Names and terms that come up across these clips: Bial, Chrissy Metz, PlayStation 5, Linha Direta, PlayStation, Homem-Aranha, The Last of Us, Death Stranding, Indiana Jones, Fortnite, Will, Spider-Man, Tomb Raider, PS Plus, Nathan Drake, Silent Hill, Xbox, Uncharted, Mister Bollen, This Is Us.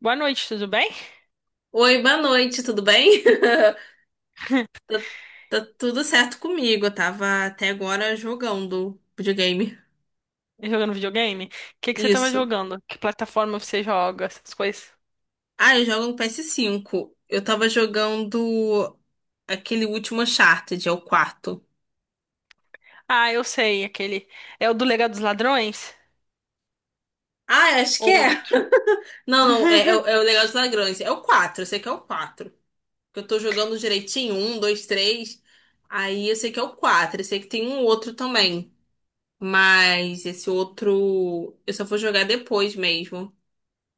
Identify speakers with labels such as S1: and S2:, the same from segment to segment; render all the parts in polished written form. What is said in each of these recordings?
S1: Boa noite, tudo bem?
S2: Oi, boa noite, tudo bem? Tá, tá tudo certo comigo. Eu tava até agora jogando videogame.
S1: Jogando videogame? O que que você tava
S2: Isso.
S1: jogando? Que plataforma você joga? Essas coisas.
S2: Ah, eu jogo no PS5. Eu tava jogando aquele último Uncharted, é o quarto.
S1: Ah, eu sei, aquele. É o do Legado dos Ladrões?
S2: Ah, eu acho que
S1: Ou
S2: é.
S1: outro?
S2: Não, não, é, é, o é o Legal dos Ladrões. É o quatro. Eu sei que é o quatro. Eu tô jogando direitinho, um, dois, três. Aí eu sei que é o quatro. Eu sei que tem um outro também. Mas esse outro eu só vou jogar depois mesmo.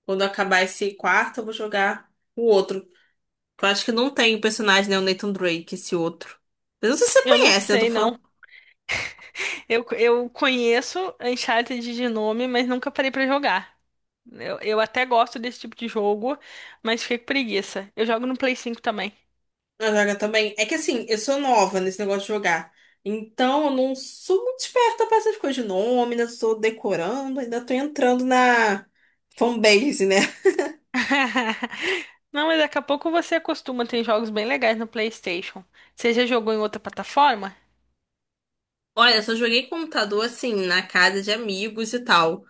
S2: Quando acabar esse quarto, eu vou jogar o outro. Eu acho que não tem o personagem, né? O Nathan Drake, esse outro. Eu não sei se você
S1: Eu não
S2: conhece, né? Eu tô
S1: sei, não.
S2: falando.
S1: Eu conheço Uncharted de nome, mas nunca parei pra jogar. Eu até gosto desse tipo de jogo, mas fiquei com preguiça. Eu jogo no Play 5 também.
S2: Eu jogo também. É que assim, eu sou nova nesse negócio de jogar. Então, eu não sou muito esperta pra essas coisas de nome, ainda tô decorando, ainda tô entrando na fanbase, né?
S1: Não, mas daqui a pouco você acostuma. Tem jogos bem legais no PlayStation. Você já jogou em outra plataforma?
S2: Olha, só joguei computador assim, na casa de amigos e tal.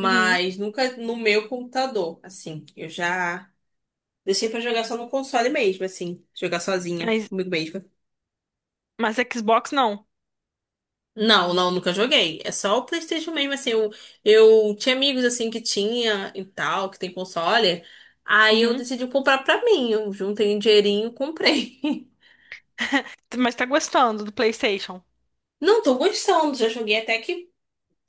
S1: Uhum.
S2: nunca no meu computador. Assim, eu já. Deixei pra jogar só no console mesmo, assim. Jogar sozinha,
S1: Mas
S2: comigo mesma.
S1: Mas Xbox não.
S2: Não, não, nunca joguei. É só o PlayStation mesmo, assim. Eu tinha amigos, assim, que tinha e tal, que tem console. Aí eu
S1: Uhum.
S2: decidi comprar pra mim. Eu juntei um dinheirinho, comprei.
S1: Mas tá gostando do PlayStation.
S2: Não, tô gostando. Já joguei até que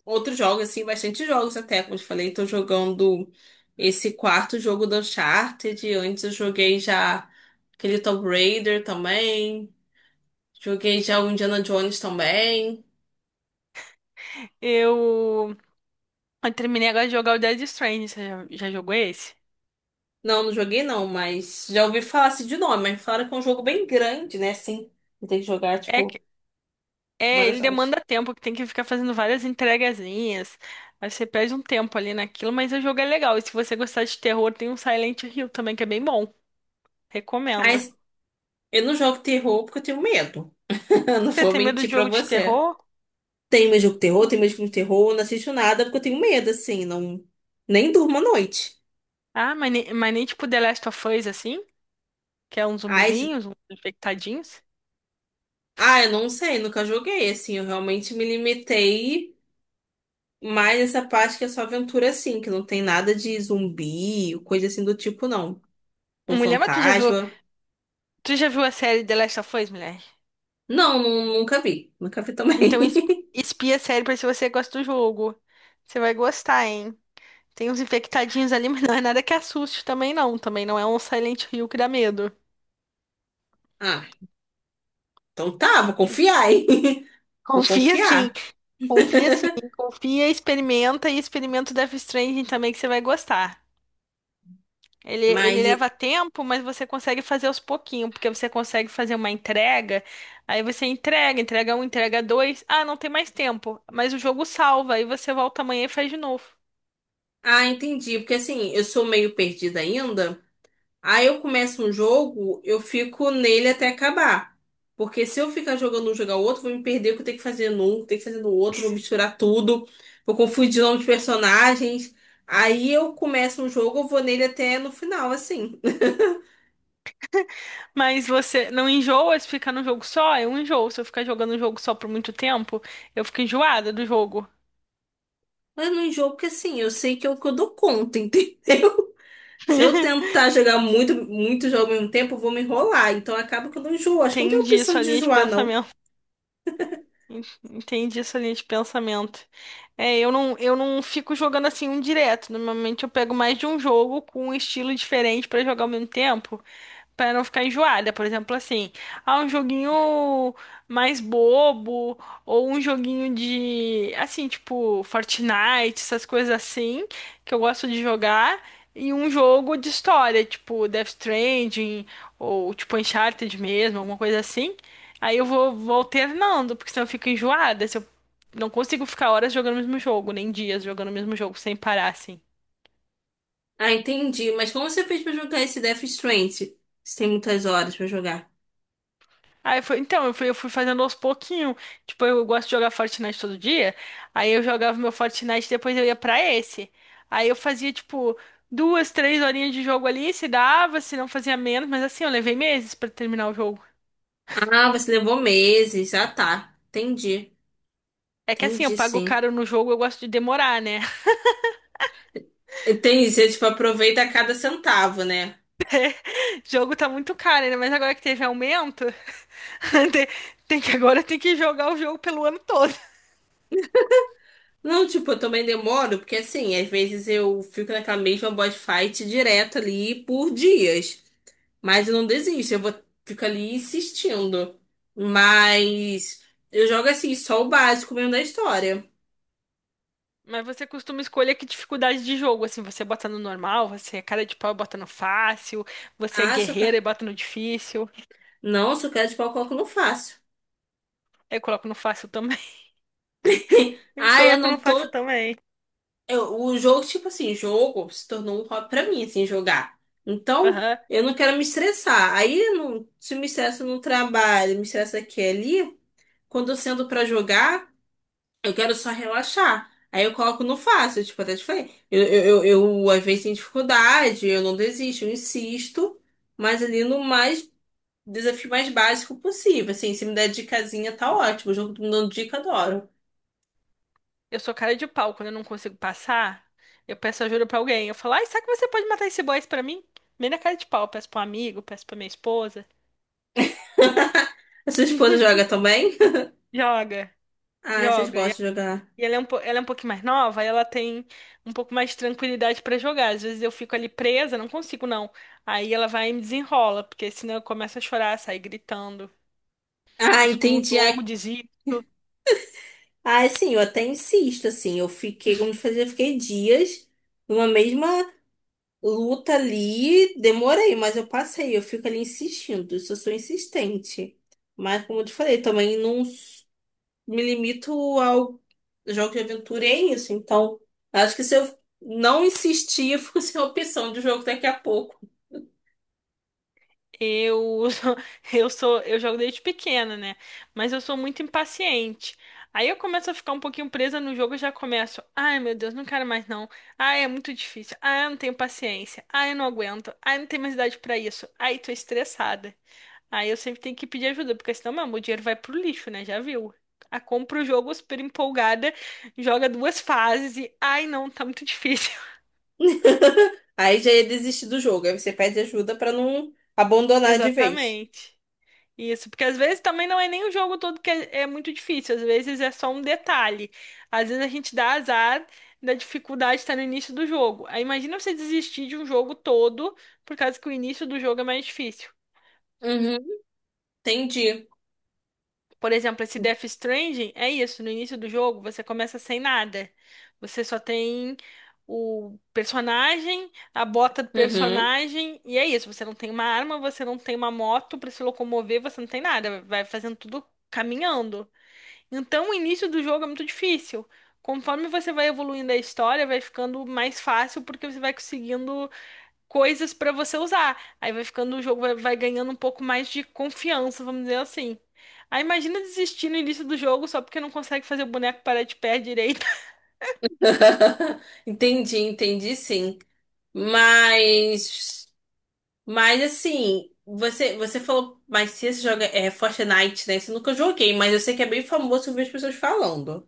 S2: outros jogos, assim, bastante jogos até. Como eu te falei, tô jogando esse quarto jogo do Uncharted. Antes eu joguei já aquele Tomb Raider também. Joguei já o Indiana Jones também.
S1: Eu, eu terminei agora de jogar o Dead Stranding. Você já jogou esse?
S2: Não, não joguei não, mas já ouvi falar assim de nome, mas falaram que é um jogo bem grande, né? Assim, tem que jogar,
S1: É,
S2: tipo,
S1: que- é,
S2: várias
S1: ele
S2: horas.
S1: demanda tempo, que tem que ficar fazendo várias entregazinhas. Aí você perde um tempo ali naquilo, mas o jogo é legal. E se você gostar de terror, tem um Silent Hill também, que é bem bom. Recomendo.
S2: Mas eu não jogo terror porque eu tenho medo. Eu Não
S1: Você
S2: vou
S1: tem medo
S2: mentir
S1: de
S2: pra
S1: jogo de
S2: você.
S1: terror?
S2: Tem meu jogo de terror,
S1: Não.
S2: tem meu filme de terror, eu não assisto nada porque eu tenho medo, assim, não... Nem durmo à noite.
S1: Ah, mas, mas nem tipo The Last of Us, assim? Que é uns
S2: Ai,
S1: zumbizinhos, uns infectadinhos.
S2: ah, eu não sei, nunca joguei, assim, eu realmente me limitei mais essa parte que é só aventura, assim, que não tem nada de zumbi, coisa assim do tipo, não. Ou
S1: Mulher, mas
S2: fantasma.
S1: tu já viu a série The Last of Us, mulher?
S2: Não, nunca vi. Nunca vi também.
S1: Então, espia a série pra ver se você gosta do jogo. Você vai gostar, hein? Tem uns infectadinhos ali, mas não é nada que assuste também, não. Também não é um Silent Hill que dá medo.
S2: Ah, então tá, vou confiar, hein? Vou
S1: Confia sim,
S2: confiar.
S1: confia, sim, experimenta e experimenta o Death Stranding também que você vai gostar. Ele
S2: Mas,
S1: leva tempo, mas você consegue fazer aos pouquinhos, porque você consegue fazer uma entrega, aí você entrega, entrega um, entrega dois. Ah, não tem mais tempo, mas o jogo salva, aí você volta amanhã e faz de novo.
S2: ah, entendi. Porque assim, eu sou meio perdida ainda. Aí eu começo um jogo, eu fico nele até acabar. Porque se eu ficar jogando um, jogar o outro, vou me perder o que eu tenho que fazer num, o que eu tenho que fazer no outro, vou misturar tudo, vou confundir o nome de personagens. Aí eu começo um jogo, eu vou nele até no final, assim.
S1: Mas você não enjoa se ficar num jogo só? Eu enjoo. Se eu ficar jogando um jogo só por muito tempo, eu fico enjoada do jogo.
S2: Mas não enjoo, porque assim, eu sei que é o que eu dou conta, entendeu? Se eu tentar jogar muito, muito jogo ao mesmo tempo, eu vou me enrolar. Então acaba que eu não enjoo. Acho que não tem
S1: Entendi
S2: opção
S1: sua
S2: de
S1: linha de
S2: enjoar, não.
S1: pensamento. En- Entendi sua linha de pensamento. É, eu não fico jogando assim um direto. Normalmente eu pego mais de um jogo com um estilo diferente pra jogar ao mesmo tempo, para não ficar enjoada. Por exemplo, assim, ah, um joguinho mais bobo, ou um joguinho de, assim, tipo, Fortnite, essas coisas assim, que eu gosto de jogar, e um jogo de história, tipo Death Stranding, ou tipo Uncharted mesmo, alguma coisa assim. Aí eu vou alternando, porque senão eu fico enjoada, se eu não consigo ficar horas jogando o mesmo jogo, nem dias jogando o mesmo jogo, sem parar, assim.
S2: Ah, entendi. Mas como você fez pra jogar esse Death Stranding? Você tem muitas horas pra jogar.
S1: Aí foi, então, eu fui fazendo aos pouquinho. Tipo, eu gosto de jogar Fortnite todo dia. Aí eu jogava meu Fortnite, depois eu ia pra esse. Aí eu fazia, tipo, duas, três horinhas de jogo ali, se dava, se não fazia menos, mas assim, eu levei meses pra terminar o jogo.
S2: Ah, você levou meses. Ah, tá. Entendi.
S1: É que assim, eu
S2: Entendi,
S1: pago
S2: sim.
S1: caro no jogo, eu gosto de demorar, né?
S2: Entendi. Você, tipo, aproveita cada centavo, né?
S1: Jogo tá muito caro, né? Mas agora que teve aumento, tem tem que agora tem que jogar o jogo pelo ano todo.
S2: Não, tipo, eu também demoro, porque assim, às vezes eu fico naquela mesma boss fight direto ali por dias. Mas eu não desisto, eu vou fico ali insistindo. Mas eu jogo assim, só o básico mesmo da história.
S1: Mas você costuma escolher que dificuldade de jogo? Assim, você bota no normal, você é cara de pau e bota no fácil, você é
S2: Ah, sou
S1: guerreira e
S2: cara.
S1: bota no difícil.
S2: Não, sou cara de pau, coloco, não faço.
S1: Eu coloco no fácil também. Eu
S2: Ah, eu
S1: coloco no
S2: não tô.
S1: fácil também.
S2: O jogo, tipo assim, jogo se tornou um hobby pra mim, assim, jogar. Então,
S1: Aham.
S2: eu não quero me estressar. Aí, eu não, se eu me estresso no trabalho, me estressa aqui e ali, quando eu sento pra jogar. Eu quero só relaxar. Aí eu coloco no fácil, tipo, até te falei. Eu, às vezes tenho dificuldade, eu não desisto, eu insisto, mas ali no mais desafio mais básico possível. Assim, se me der dicasinha, tá ótimo. O jogo tá me dando dica, adoro.
S1: Eu sou cara de pau, quando eu não consigo passar, eu peço ajuda pra alguém. Eu falo, ai, será que você pode matar esse boss pra mim? Bem na cara de pau, eu peço pra um amigo, peço pra minha esposa.
S2: A sua esposa joga também?
S1: Joga,
S2: Ah, vocês
S1: joga. E
S2: gostam de jogar.
S1: ela é ela é um pouquinho mais nova, aí ela tem um pouco mais de tranquilidade pra jogar. Às vezes eu fico ali presa, não consigo, não. Aí ela vai e me desenrola, porque senão eu começo a chorar, sair gritando,
S2: Ah,
S1: excluo o
S2: entendi. Ah,
S1: jogo.
S2: ah, assim, eu até insisto, assim. Eu fiquei, como eu te eu fiquei dias numa mesma. Luta ali, demorei, mas eu passei. Eu fico ali insistindo, isso eu sou insistente. Mas, como eu te falei, também não me limito ao jogo de aventura, e é isso. Então, acho que se eu não insistir, eu fico sem opção de jogo daqui a pouco.
S1: Eu, eu jogo desde pequena, né? Mas eu sou muito impaciente. Aí eu começo a ficar um pouquinho presa no jogo, e já começo. Ai, meu Deus, não quero mais, não. Ai, é muito difícil. Ai, eu não tenho paciência. Ai, eu não aguento. Ai, não tenho mais idade pra isso. Ai, tô estressada. Aí eu sempre tenho que pedir ajuda, porque senão, meu, o dinheiro vai pro lixo, né? Já viu? A compra o jogo super empolgada, joga duas fases e ai, não, tá muito difícil.
S2: Aí já ia desistir do jogo. Aí você pede ajuda pra não abandonar de vez.
S1: Exatamente. Isso, porque às vezes também não é nem o jogo todo que é, é muito difícil, às vezes é só um detalhe. Às vezes a gente dá azar da dificuldade estar no início do jogo. Aí imagina você desistir de um jogo todo por causa que o início do jogo é mais difícil.
S2: Uhum. Entendi.
S1: Por exemplo, esse Death Stranding é isso, no início do jogo você começa sem nada. Você só tem o personagem, a bota do
S2: Uhum.
S1: personagem, e é isso, você não tem uma arma, você não tem uma moto pra se locomover, você não tem nada, vai fazendo tudo caminhando. Então, o início do jogo é muito difícil. Conforme você vai evoluindo a história, vai ficando mais fácil porque você vai conseguindo coisas pra você usar. Aí vai ficando, o jogo vai ganhando um pouco mais de confiança, vamos dizer assim. Aí imagina desistir no início do jogo só porque não consegue fazer o boneco parar de pé direito.
S2: Entendi, entendi sim. Mas. Mas assim, você falou, mas se você joga é, é Fortnite, né? Você nunca joguei, mas eu sei que é bem famoso ver as pessoas falando.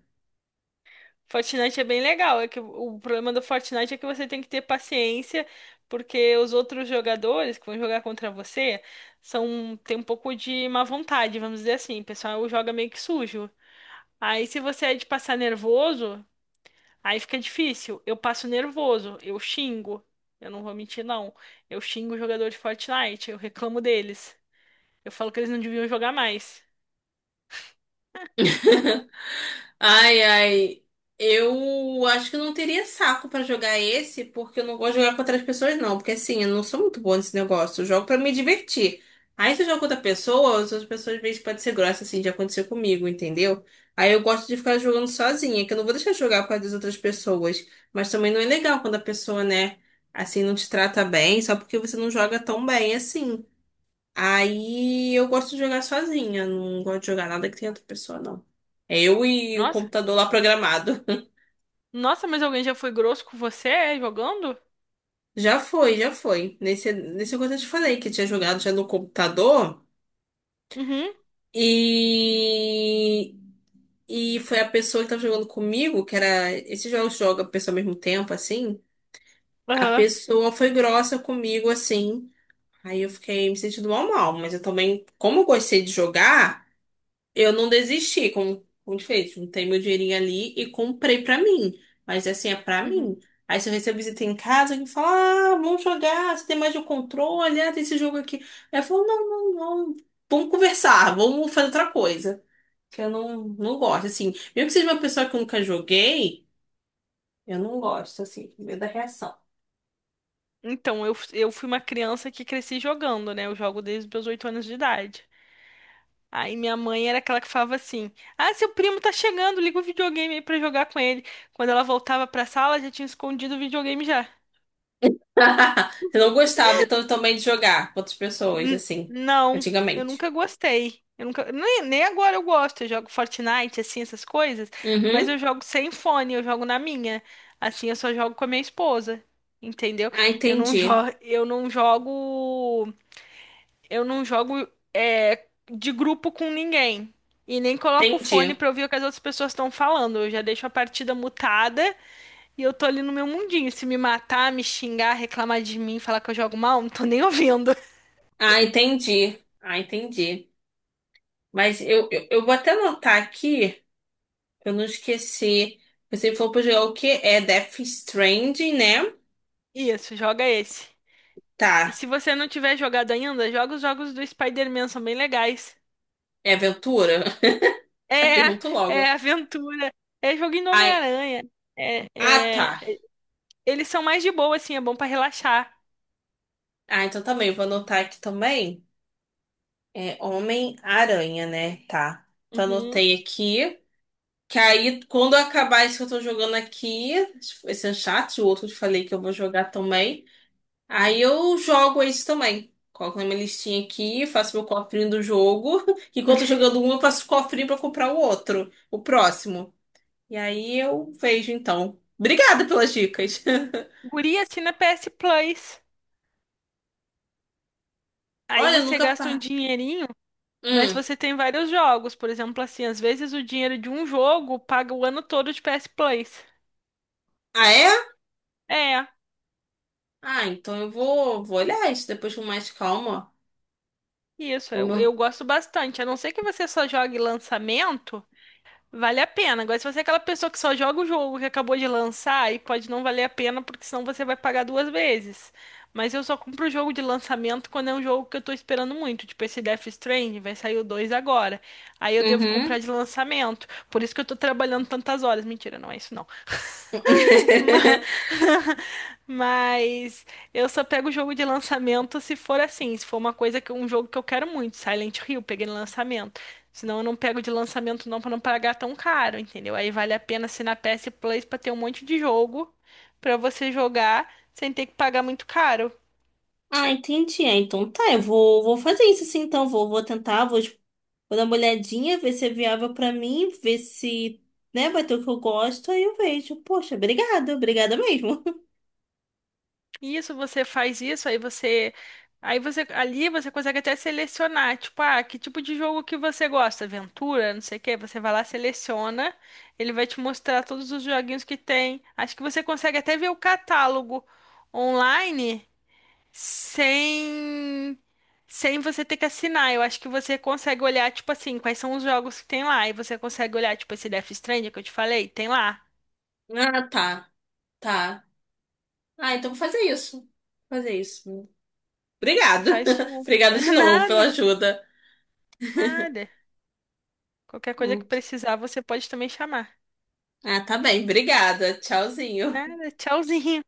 S1: Fortnite é bem legal, é que o problema do Fortnite é que você tem que ter paciência porque os outros jogadores que vão jogar contra você são, tem um pouco de má vontade, vamos dizer assim. O pessoal joga meio que sujo. Aí, se você é de passar nervoso, aí fica difícil. Eu passo nervoso, eu xingo. Eu não vou mentir, não. Eu xingo o jogador de Fortnite, eu reclamo deles. Eu falo que eles não deviam jogar mais.
S2: Ai, ai. Eu acho que eu não teria saco pra jogar esse, porque eu não gosto de jogar com outras pessoas, não. Porque assim, eu não sou muito boa nesse negócio. Eu jogo pra me divertir. Aí se eu jogo com outra pessoa, as outras pessoas às vezes podem ser grossas, assim, já aconteceu comigo, entendeu? Aí eu gosto de ficar jogando sozinha, que eu não vou deixar de jogar com as outras pessoas. Mas também não é legal quando a pessoa, né, assim, não te trata bem, só porque você não joga tão bem assim. Aí eu gosto de jogar sozinha, não gosto de jogar nada que tenha outra pessoa, não. É eu e o
S1: Nossa,
S2: computador lá programado.
S1: nossa, mas alguém já foi grosso com você, é, jogando?
S2: Já foi, já foi. Nesse coisa eu te falei que eu tinha jogado já no computador.
S1: Uhum,
S2: E, e foi a pessoa que tava jogando comigo, que era. Esses jogos joga a pessoa ao mesmo tempo, assim. A
S1: aham.
S2: pessoa foi grossa comigo, assim. Aí eu fiquei me sentindo mal, mal. Mas eu também, como eu gostei de jogar. Eu não desisti com desfeito. Juntei meu dinheirinho ali e comprei pra mim. Mas assim, é pra
S1: Uhum.
S2: mim. Aí se eu recebo visita em casa, que fala, ah, vamos jogar, você tem mais de um controle, ah, tem esse jogo aqui. Aí eu falo, não, não, não, vamos conversar, vamos fazer outra coisa. Que eu não, não gosto, assim. Mesmo que seja uma pessoa que eu nunca joguei, eu não gosto, assim, com medo da reação.
S1: Então, eu fui uma criança que cresci jogando, né? Eu jogo desde os meus 8 anos de idade. Aí minha mãe era aquela que falava assim: ah, seu primo tá chegando, liga o videogame aí pra jogar com ele. Quando ela voltava pra sala, já tinha escondido o videogame já.
S2: Eu não gostava, então, também de jogar com outras pessoas,
S1: N-
S2: assim,
S1: não, eu
S2: antigamente.
S1: nunca gostei. Eu nunca, nem agora eu gosto. Eu jogo Fortnite, assim, essas coisas, mas
S2: Uhum.
S1: eu jogo sem fone, eu jogo na minha. Assim, eu só jogo com a minha esposa, entendeu?
S2: Ah,
S1: Eu não, jo
S2: entendi.
S1: eu não jogo. Eu não jogo. É, de grupo com ninguém. E nem coloco o fone
S2: Entendi.
S1: pra ouvir o que as outras pessoas estão falando. Eu já deixo a partida mutada e eu tô ali no meu mundinho. Se me matar, me xingar, reclamar de mim, falar que eu jogo mal, não tô nem ouvindo.
S2: Ah, entendi. Ah, entendi. Mas eu vou até anotar aqui, pra eu não esqueci. Você falou pra jogar o quê? É Death Stranding, né?
S1: Isso, joga esse. E
S2: Tá.
S1: se você não tiver jogado ainda, joga os jogos do Spider-Man, são bem legais.
S2: É aventura?
S1: É,
S2: Já pergunto logo.
S1: é aventura. É joguinho do
S2: Ai,
S1: Homem-Aranha. É,
S2: ah, tá.
S1: é. Eles são mais de boa, assim, é bom pra relaxar.
S2: Ah, então também, vou anotar aqui também. É Homem-Aranha, né? Tá. Então
S1: Uhum.
S2: anotei aqui. Que aí, quando eu acabar isso que eu tô jogando aqui, esse Uncharted, o outro que eu falei que eu vou jogar também. Aí eu jogo isso também. Coloco na minha listinha aqui, faço meu cofrinho do jogo. Enquanto eu tô jogando um, eu faço o cofrinho pra comprar o outro, o próximo. E aí eu vejo então. Obrigada pelas dicas.
S1: Guri assina PS Plus. Aí
S2: Olha, eu
S1: você
S2: nunca.
S1: gasta um dinheirinho, mas
S2: Hum.
S1: você tem vários jogos. Por exemplo, assim, às vezes o dinheiro de um jogo paga o ano todo de PS Plus.
S2: Ah, é?
S1: É,
S2: Ah, então eu vou, vou olhar isso depois com mais calma.
S1: isso,
S2: O
S1: eu,
S2: meu.
S1: eu gosto bastante. A não ser que você só jogue lançamento. Vale a pena. Agora, se você é aquela pessoa que só joga o jogo que acabou de lançar, aí pode não valer a pena, porque senão você vai pagar duas vezes. Mas eu só compro o jogo de lançamento quando é um jogo que eu tô esperando muito. Tipo, esse Death Stranding, vai sair o 2 agora. Aí eu devo comprar
S2: Uhum.
S1: de lançamento. Por isso que eu tô trabalhando tantas horas. Mentira, não é isso, não. Ma- Mas eu só pego o jogo de lançamento se for assim, se for uma coisa, que um jogo que eu quero muito, Silent Hill, peguei no lançamento. Senão eu não pego de lançamento, não, para não pagar tão caro, entendeu? Aí vale a pena assinar PS Plus para ter um monte de jogo para você jogar sem ter que pagar muito caro.
S2: Ah, entendi. Ah, então tá, eu vou, vou fazer isso sim, então. Vou tentar, vou dar uma olhadinha, ver se é viável pra mim, ver se, né, vai ter o que eu gosto, aí eu vejo. Poxa, obrigada, obrigada mesmo.
S1: Isso, você faz isso, aí você. Aí você. Ali você consegue até selecionar, tipo, ah, que tipo de jogo que você gosta? Aventura, não sei o quê. Você vai lá, seleciona, ele vai te mostrar todos os joguinhos que tem. Acho que você consegue até ver o catálogo online sem. Sem você ter que assinar, eu acho que você consegue olhar, tipo assim, quais são os jogos que tem lá. E você consegue olhar, tipo, esse Death Stranding que eu te falei, tem lá.
S2: Ah, tá, tá. Ah, então vou fazer isso. Vou Fazer isso. Obrigado,
S1: Faz um
S2: Obrigada de novo pela
S1: nada,
S2: ajuda.
S1: nada. Qualquer coisa que
S2: Hum.
S1: precisar, você pode também chamar.
S2: Ah, tá bem. Obrigada. Tchauzinho.
S1: Nada, tchauzinho.